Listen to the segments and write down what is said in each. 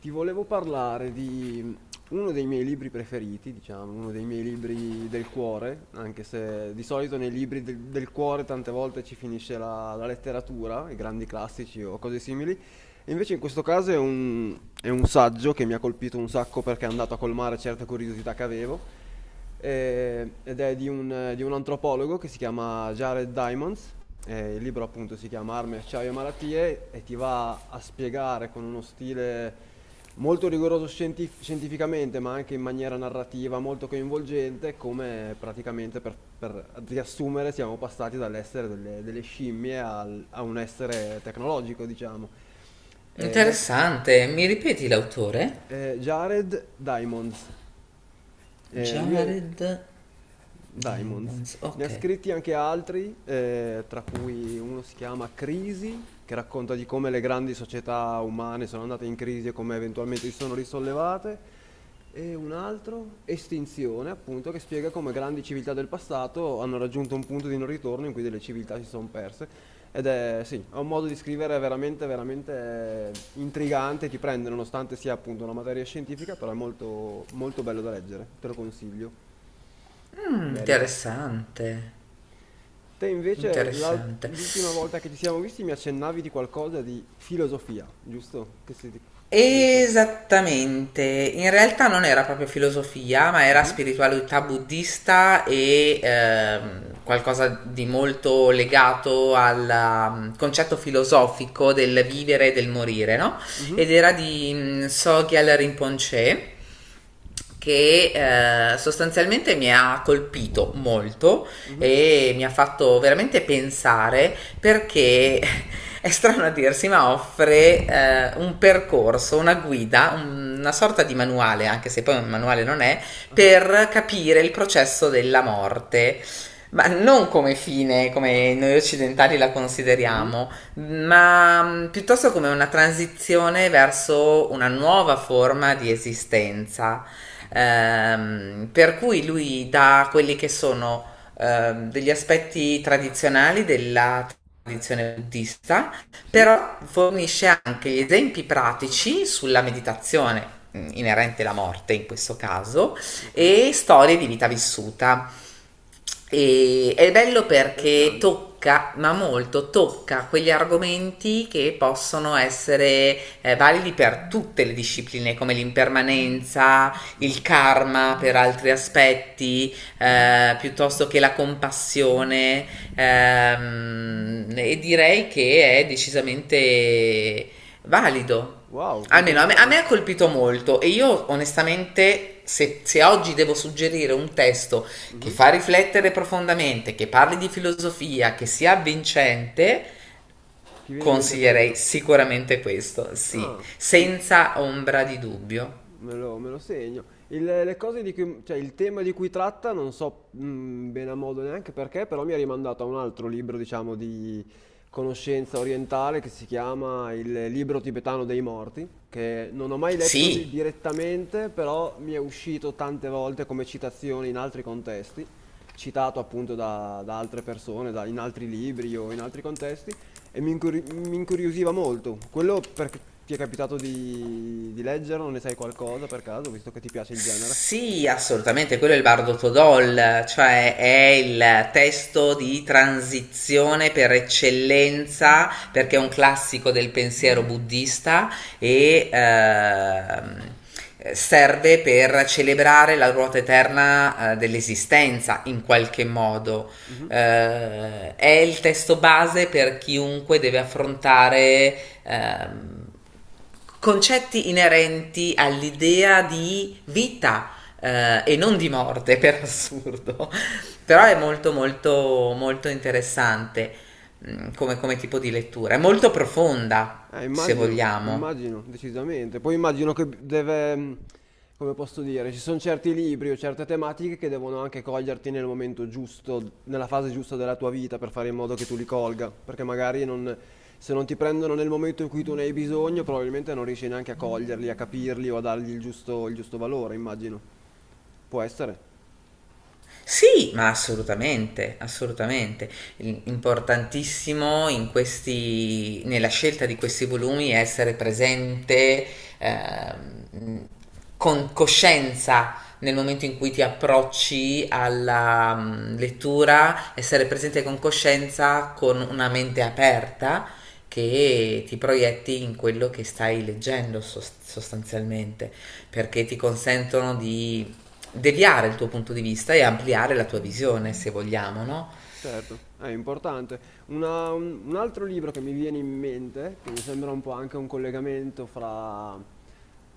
Ti volevo parlare di uno dei miei libri preferiti, diciamo, uno dei miei libri del cuore, anche se di solito nei libri del cuore tante volte ci finisce la letteratura, i grandi classici o cose simili, e invece in questo caso è un saggio che mi ha colpito un sacco perché è andato a colmare certe curiosità che avevo. Ed è di un antropologo che si chiama Jared Diamonds. Il libro appunto si chiama Armi, acciaio e malattie e ti va a spiegare con uno stile molto rigoroso scientificamente, ma anche in maniera narrativa molto coinvolgente, come praticamente per riassumere siamo passati dall'essere delle scimmie a un essere tecnologico, diciamo. Eh, de- Interessante. Mi ripeti l'autore? Jared Diamonds. Lui è Jared Diamonds. Diamonds. Ne ha Ok. scritti anche altri, tra cui uno si chiama Crisi, che racconta di come le grandi società umane sono andate in crisi e come eventualmente si sono risollevate. E un altro, Estinzione, appunto, che spiega come grandi civiltà del passato hanno raggiunto un punto di non ritorno in cui delle civiltà si sono perse. Ed è, sì, ha un modo di scrivere veramente, veramente intrigante, ti prende nonostante sia appunto una materia scientifica, però è molto, molto bello da leggere, te lo consiglio. Mm, Merita. interessante. Te invece Interessante. l'ultima volta che ci siamo visti mi accennavi di qualcosa di filosofia, giusto? Che si... Come inter- Esattamente, in realtà non era proprio filosofia, ma era Mhm, spiritualità buddista e qualcosa di molto legato al concetto filosofico del vivere e del morire, no? mhm, Ed era di Sogyal Rinpoche che sostanzialmente mi ha colpito molto mhm, e mi ha fatto veramente pensare perché è strano a dirsi, ma offre un percorso, una guida, una sorta di manuale, anche se poi un manuale non è, aha, per capire il processo della morte. Ma non come fine, come noi occidentali la mhm, consideriamo, ma piuttosto come una transizione verso una nuova forma di esistenza. mhm. Per cui lui dà quelli che sono degli aspetti tradizionali della tradizione buddista, Sì, però fornisce anche gli esempi pratici sulla meditazione inerente alla morte in questo caso ok, e storie di vita vissuta. E è bello perché interessante. tocca, ma molto tocca quegli argomenti che possono essere validi per tutte le discipline, come l'impermanenza, il Mhm, karma per altri aspetti, mhm. Piuttosto che la compassione e direi che è decisamente valido. Wow, Almeno a me ha interessante. colpito molto e io onestamente se, se oggi devo suggerire un testo che Mhm. fa riflettere profondamente, che parli di filosofia, che sia avvincente, Ti viene in mente consiglierei quello? sicuramente questo, sì, Ah, i- senza ombra di dubbio. me lo segno. Le cose di cui, cioè il tema di cui tratta non so bene a modo neanche perché, però mi ha rimandato a un altro libro, diciamo, di conoscenza orientale che si chiama Il libro tibetano dei morti, che non ho mai letto Sì, direttamente, però mi è uscito tante volte come citazione in altri contesti, citato appunto da altre persone, in altri libri o in altri contesti. E mi incuriosiva molto. Quello perché ti è capitato di leggerlo? Ne sai qualcosa per caso, visto che ti piace il genere? sì, assolutamente, quello è il Bardo Todol, cioè è il testo di transizione per eccellenza, perché è un classico del pensiero buddista e serve per celebrare la ruota eterna dell'esistenza in qualche modo. Mhm. È il testo base per chiunque deve affrontare ehm, concetti inerenti all'idea di vita e non di morte, per assurdo. Però è Wow. molto molto molto interessante come, come tipo di lettura, è molto profonda, se Immagino, vogliamo. immagino, decisamente. Poi immagino che deve, come posso dire, ci sono certi libri o certe tematiche che devono anche coglierti nel momento giusto, nella fase giusta della tua vita per fare in modo che tu li colga, perché magari se non ti prendono nel momento in cui tu ne hai bisogno, probabilmente non riesci neanche a coglierli, a capirli o a dargli il giusto valore, immagino. Può essere. Sì, ma assolutamente, assolutamente. Importantissimo in questi, nella scelta di questi volumi è essere presente, ehm, con coscienza nel momento in cui ti approcci alla lettura, essere presente con coscienza, con una mente aperta che ti proietti in quello che stai leggendo sostanzialmente, perché ti consentono di deviare il tuo punto di vista e ampliare la tua visione, se vogliamo, no? Certo, è importante. Un altro libro che mi viene in mente, che mi sembra un po' anche un collegamento fra,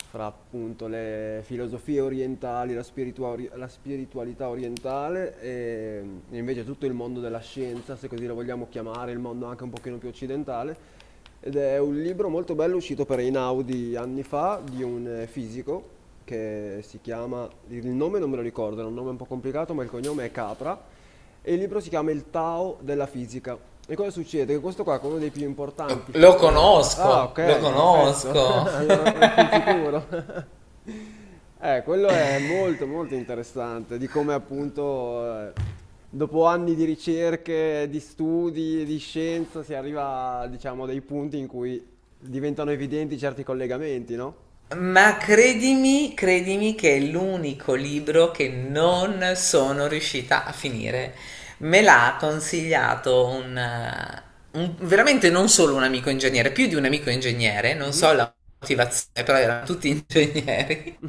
fra appunto le filosofie orientali, la spiritualità orientale e invece tutto il mondo della scienza, se così lo vogliamo chiamare, il mondo anche un pochino più occidentale, ed è un libro molto bello uscito per Einaudi anni fa di un fisico che si chiama, il nome non me lo ricordo, è un nome un po' complicato, ma il cognome è Capra e il libro si chiama Il Tao della fisica. E cosa succede? Che questo qua è uno dei più Lo, importanti. Lo Ah, conosco, lo ok, perfetto. conosco. Allora, sul sicuro. Quello è molto molto interessante, di come appunto dopo anni di ricerche, di studi, di scienza si arriva, diciamo, a dei punti in cui diventano evidenti certi collegamenti, no? Ma credimi, credimi che è l'unico libro che non sono riuscita a finire. Me l'ha consigliato un, veramente non solo un amico ingegnere, più di un amico ingegnere, non so Mhm. la motivazione, però erano tutti ingegneri.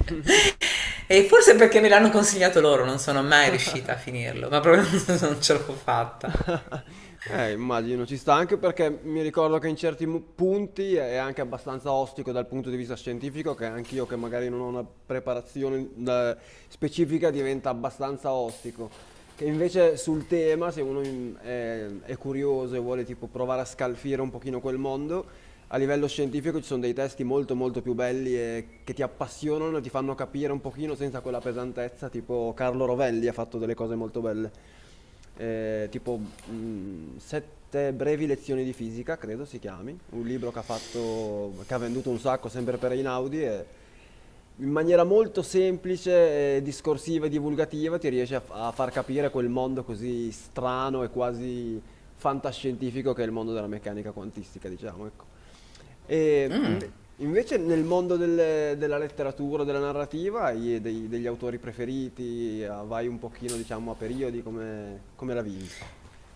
E forse perché me l'hanno consigliato loro, non sono mai riuscita a finirlo, ma proprio non ce l'ho fatta. Immagino, ci sta anche perché mi ricordo che in certi punti è anche abbastanza ostico dal punto di vista scientifico, che anche io che magari non ho una preparazione specifica diventa abbastanza ostico. Che invece sul tema, se uno è curioso e vuole tipo provare a scalfire un pochino quel mondo, a livello scientifico ci sono dei testi molto molto più belli e che ti appassionano, e ti fanno capire un pochino senza quella pesantezza, tipo Carlo Rovelli ha fatto delle cose molto belle. Tipo Sette brevi lezioni di fisica, credo si chiami, un libro che ha fatto, che ha venduto un sacco sempre per Einaudi e in maniera molto semplice, discorsiva e divulgativa ti riesce a far capire quel mondo così strano e quasi fantascientifico che è il mondo della meccanica quantistica, diciamo, ecco. E invece nel mondo della letteratura, della narrativa, hai degli autori preferiti? Ah, vai un pochino, diciamo, a periodi, come la vivi?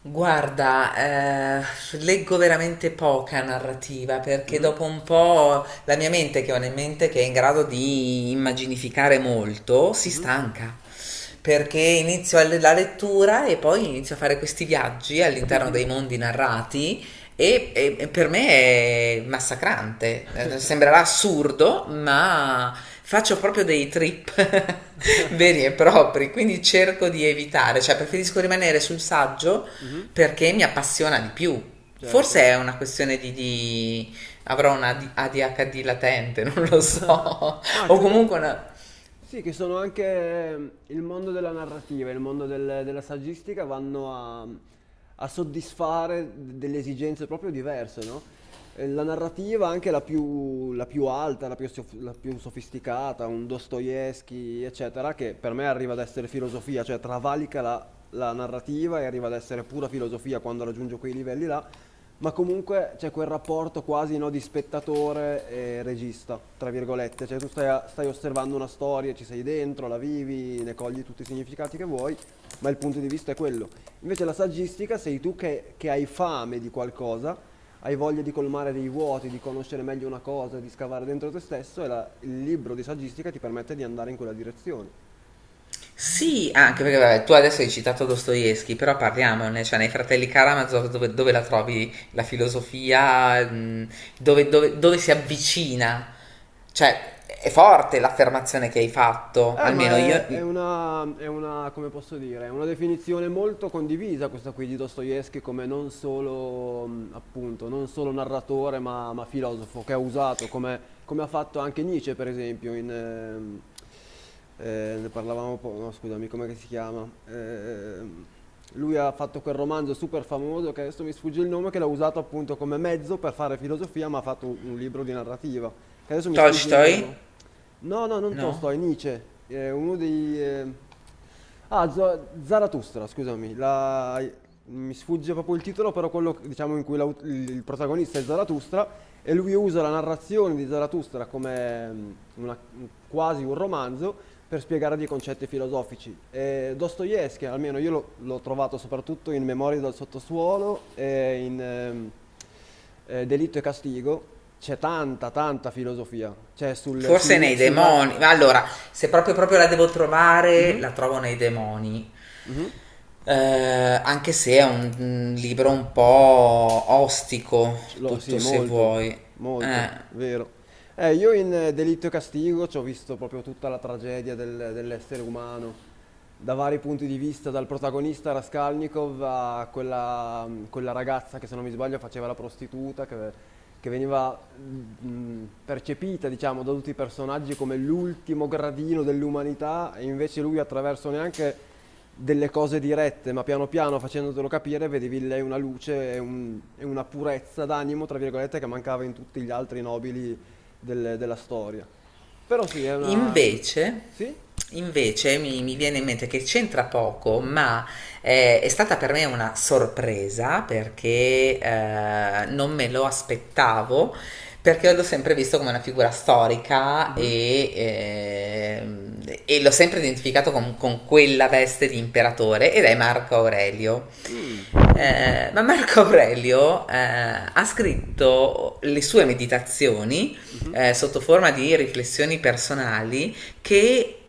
Guarda, leggo veramente poca narrativa perché Mhm, dopo un po' la mia mente, che è una mente che è in grado di immaginificare molto, si mhm, stanca. Perché inizio a la lettura e poi inizio a fare questi viaggi all'interno mhm, dei mondi narrati e, e per me è massacrante. Sembrerà assurdo, ma faccio proprio dei trip veri e propri, quindi cerco di evitare, cioè preferisco rimanere sul saggio mhm. perché mi appassiona di più. Certo. Forse è una questione di, avrò una ADHD latente, non lo so, Ma o credo comunque una, sì, che sono anche il mondo della narrativa, il mondo della saggistica vanno a soddisfare delle esigenze proprio diverse, no? La narrativa, anche la più alta, la più sofisticata, un Dostoevsky, eccetera, che per me arriva ad essere filosofia, cioè travalica la narrativa e arriva ad essere pura filosofia quando raggiunge quei livelli là, ma comunque c'è quel rapporto quasi no, di spettatore e regista, tra virgolette, cioè tu stai, stai osservando una storia, ci sei dentro, la vivi, ne cogli tutti i significati che vuoi, ma il punto di vista è quello. Invece la saggistica sei tu che, hai fame di qualcosa, hai voglia di colmare dei vuoti, di conoscere meglio una cosa, di scavare dentro te stesso e il libro di saggistica ti permette di andare in quella direzione. sì, anche perché vabbè, tu adesso hai citato Dostoevsky, però parliamone, cioè nei Fratelli Karamazov dove, dove la trovi la filosofia, dove, dove si avvicina, cioè è forte l'affermazione che hai fatto, Ma almeno io, è una, come posso dire, è una definizione molto condivisa questa qui di Dostoevsky come non solo, appunto, non solo narratore ma filosofo, che ha usato, come ha fatto anche Nietzsche, per esempio, ne parlavamo, no, scusami, come si chiama? Lui ha fatto quel romanzo super famoso che adesso mi sfugge il nome, che l'ha usato appunto come mezzo per fare filosofia, ma ha fatto un libro di narrativa, che adesso mi sfugge il Tolstoi, nome. No, no, non no? Tolstoi, Nietzsche, è uno dei... Ah, Zarathustra, scusami, mi sfugge proprio il titolo, però quello diciamo in cui il protagonista è Zarathustra e lui usa la narrazione di Zarathustra come una- quasi un romanzo per spiegare dei concetti filosofici. Dostoevsky, almeno io l'ho trovato soprattutto in Memorie dal sottosuolo e in Delitto e Castigo, c'è tanta, tanta filosofia, c'è Forse nei sulla... demoni, ma allora, se proprio, proprio la devo trovare, Mhm, la trovo nei demoni. mhm. Anche se è un libro un po' ostico, Sì, tutto se molto, vuoi. molto, Eh. vero. Io in Delitto e Castigo ci ho visto proprio tutta la tragedia dell'essere umano, da vari punti di vista, dal protagonista Raskolnikov a quella ragazza che se non mi sbaglio faceva la prostituta, che veniva percepita, diciamo, da tutti i personaggi come l'ultimo gradino dell'umanità, e invece lui attraverso neanche delle cose dirette, ma piano piano facendotelo capire, vedevi in lei una luce e una purezza d'animo, tra virgolette, che mancava in tutti gli altri nobili della storia. Però sì, è una... Invece, Sì? invece mi, mi viene in mente che c'entra poco, ma è stata per me una sorpresa perché non me lo aspettavo, perché l'ho sempre visto come una figura storica Mhm. E l'ho sempre identificato con quella veste di imperatore ed è Marco Aurelio. Mm. Ma Marco Aurelio ha scritto le sue meditazioni Mhm. Sotto forma di riflessioni personali che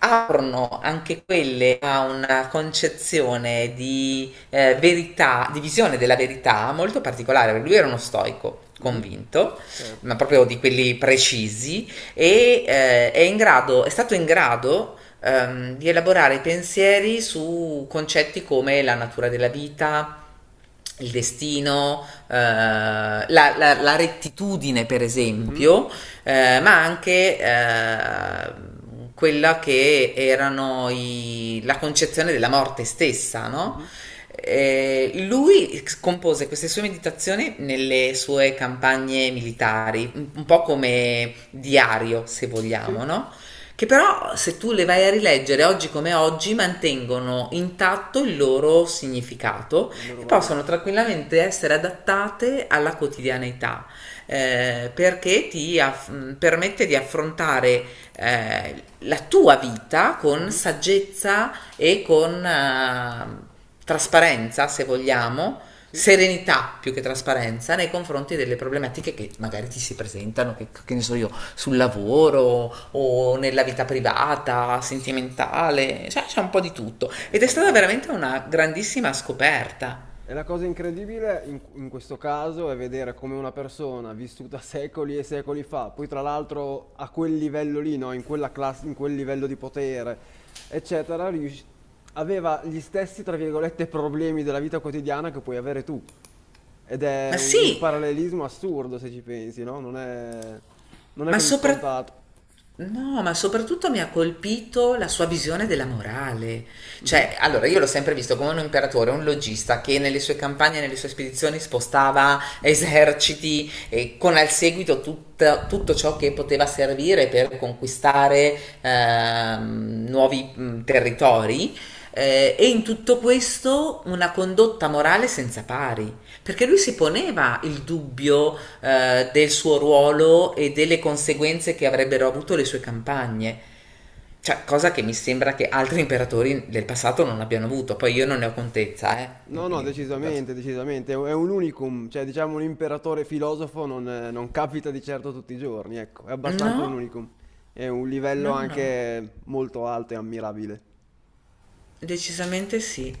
aprono anche quelle a una concezione di verità, di visione della verità molto particolare. Lui era uno stoico Mhm. convinto, Certo. ma proprio di quelli precisi, e è, in grado, è stato in grado di elaborare pensieri su concetti come la natura della vita, il destino, rettitudine, per Mhm. esempio, ma anche quella che erano la concezione della morte stessa, no? Mhm. Lui compose queste sue meditazioni nelle sue campagne militari, un po' come diario, se Sì, vogliamo, no? Che però, se tu le vai a rileggere oggi come oggi, mantengono intatto il loro significato il loro e valore. possono tranquillamente essere adattate alla quotidianità perché ti permette di affrontare la tua vita con Mhm. saggezza e con trasparenza, se vogliamo, Sì. serenità più che trasparenza nei confronti delle problematiche che magari ti si presentano, che ne so io, sul lavoro o nella vita privata, sentimentale, cioè c'è un po' di tutto. È Ed è stata veramente fantastico. una grandissima scoperta. E la cosa incredibile in questo caso è vedere come una persona vissuta secoli e secoli fa, poi tra l'altro a quel livello lì, no? In quella classe, in quel livello di potere, eccetera, aveva gli stessi, tra virgolette, problemi della vita quotidiana che puoi avere tu. Ed è Ma un sì, parallelismo assurdo se ci pensi, no? Non è ma così soprattutto scontato. no, ma soprattutto mi ha colpito la sua visione della morale. Cioè, Mhm. allora, io l'ho sempre visto come un imperatore, un logista che nelle sue campagne, nelle sue spedizioni spostava eserciti e con al seguito tutto ciò che poteva servire per conquistare nuovi territori. Eh, e in tutto questo una condotta morale senza pari. Perché lui si poneva il dubbio del suo ruolo e delle conseguenze che avrebbero avuto le sue campagne. Cioè, cosa che mi sembra che altri imperatori del passato non abbiano avuto. Poi io non ne ho contezza, eh. No, no, Quindi, scusate. decisamente, decisamente. È un unicum, cioè diciamo un imperatore filosofo non capita di certo tutti i giorni, ecco, è abbastanza un No, unicum. È un livello no, no. anche molto alto e ammirabile. Decisamente sì.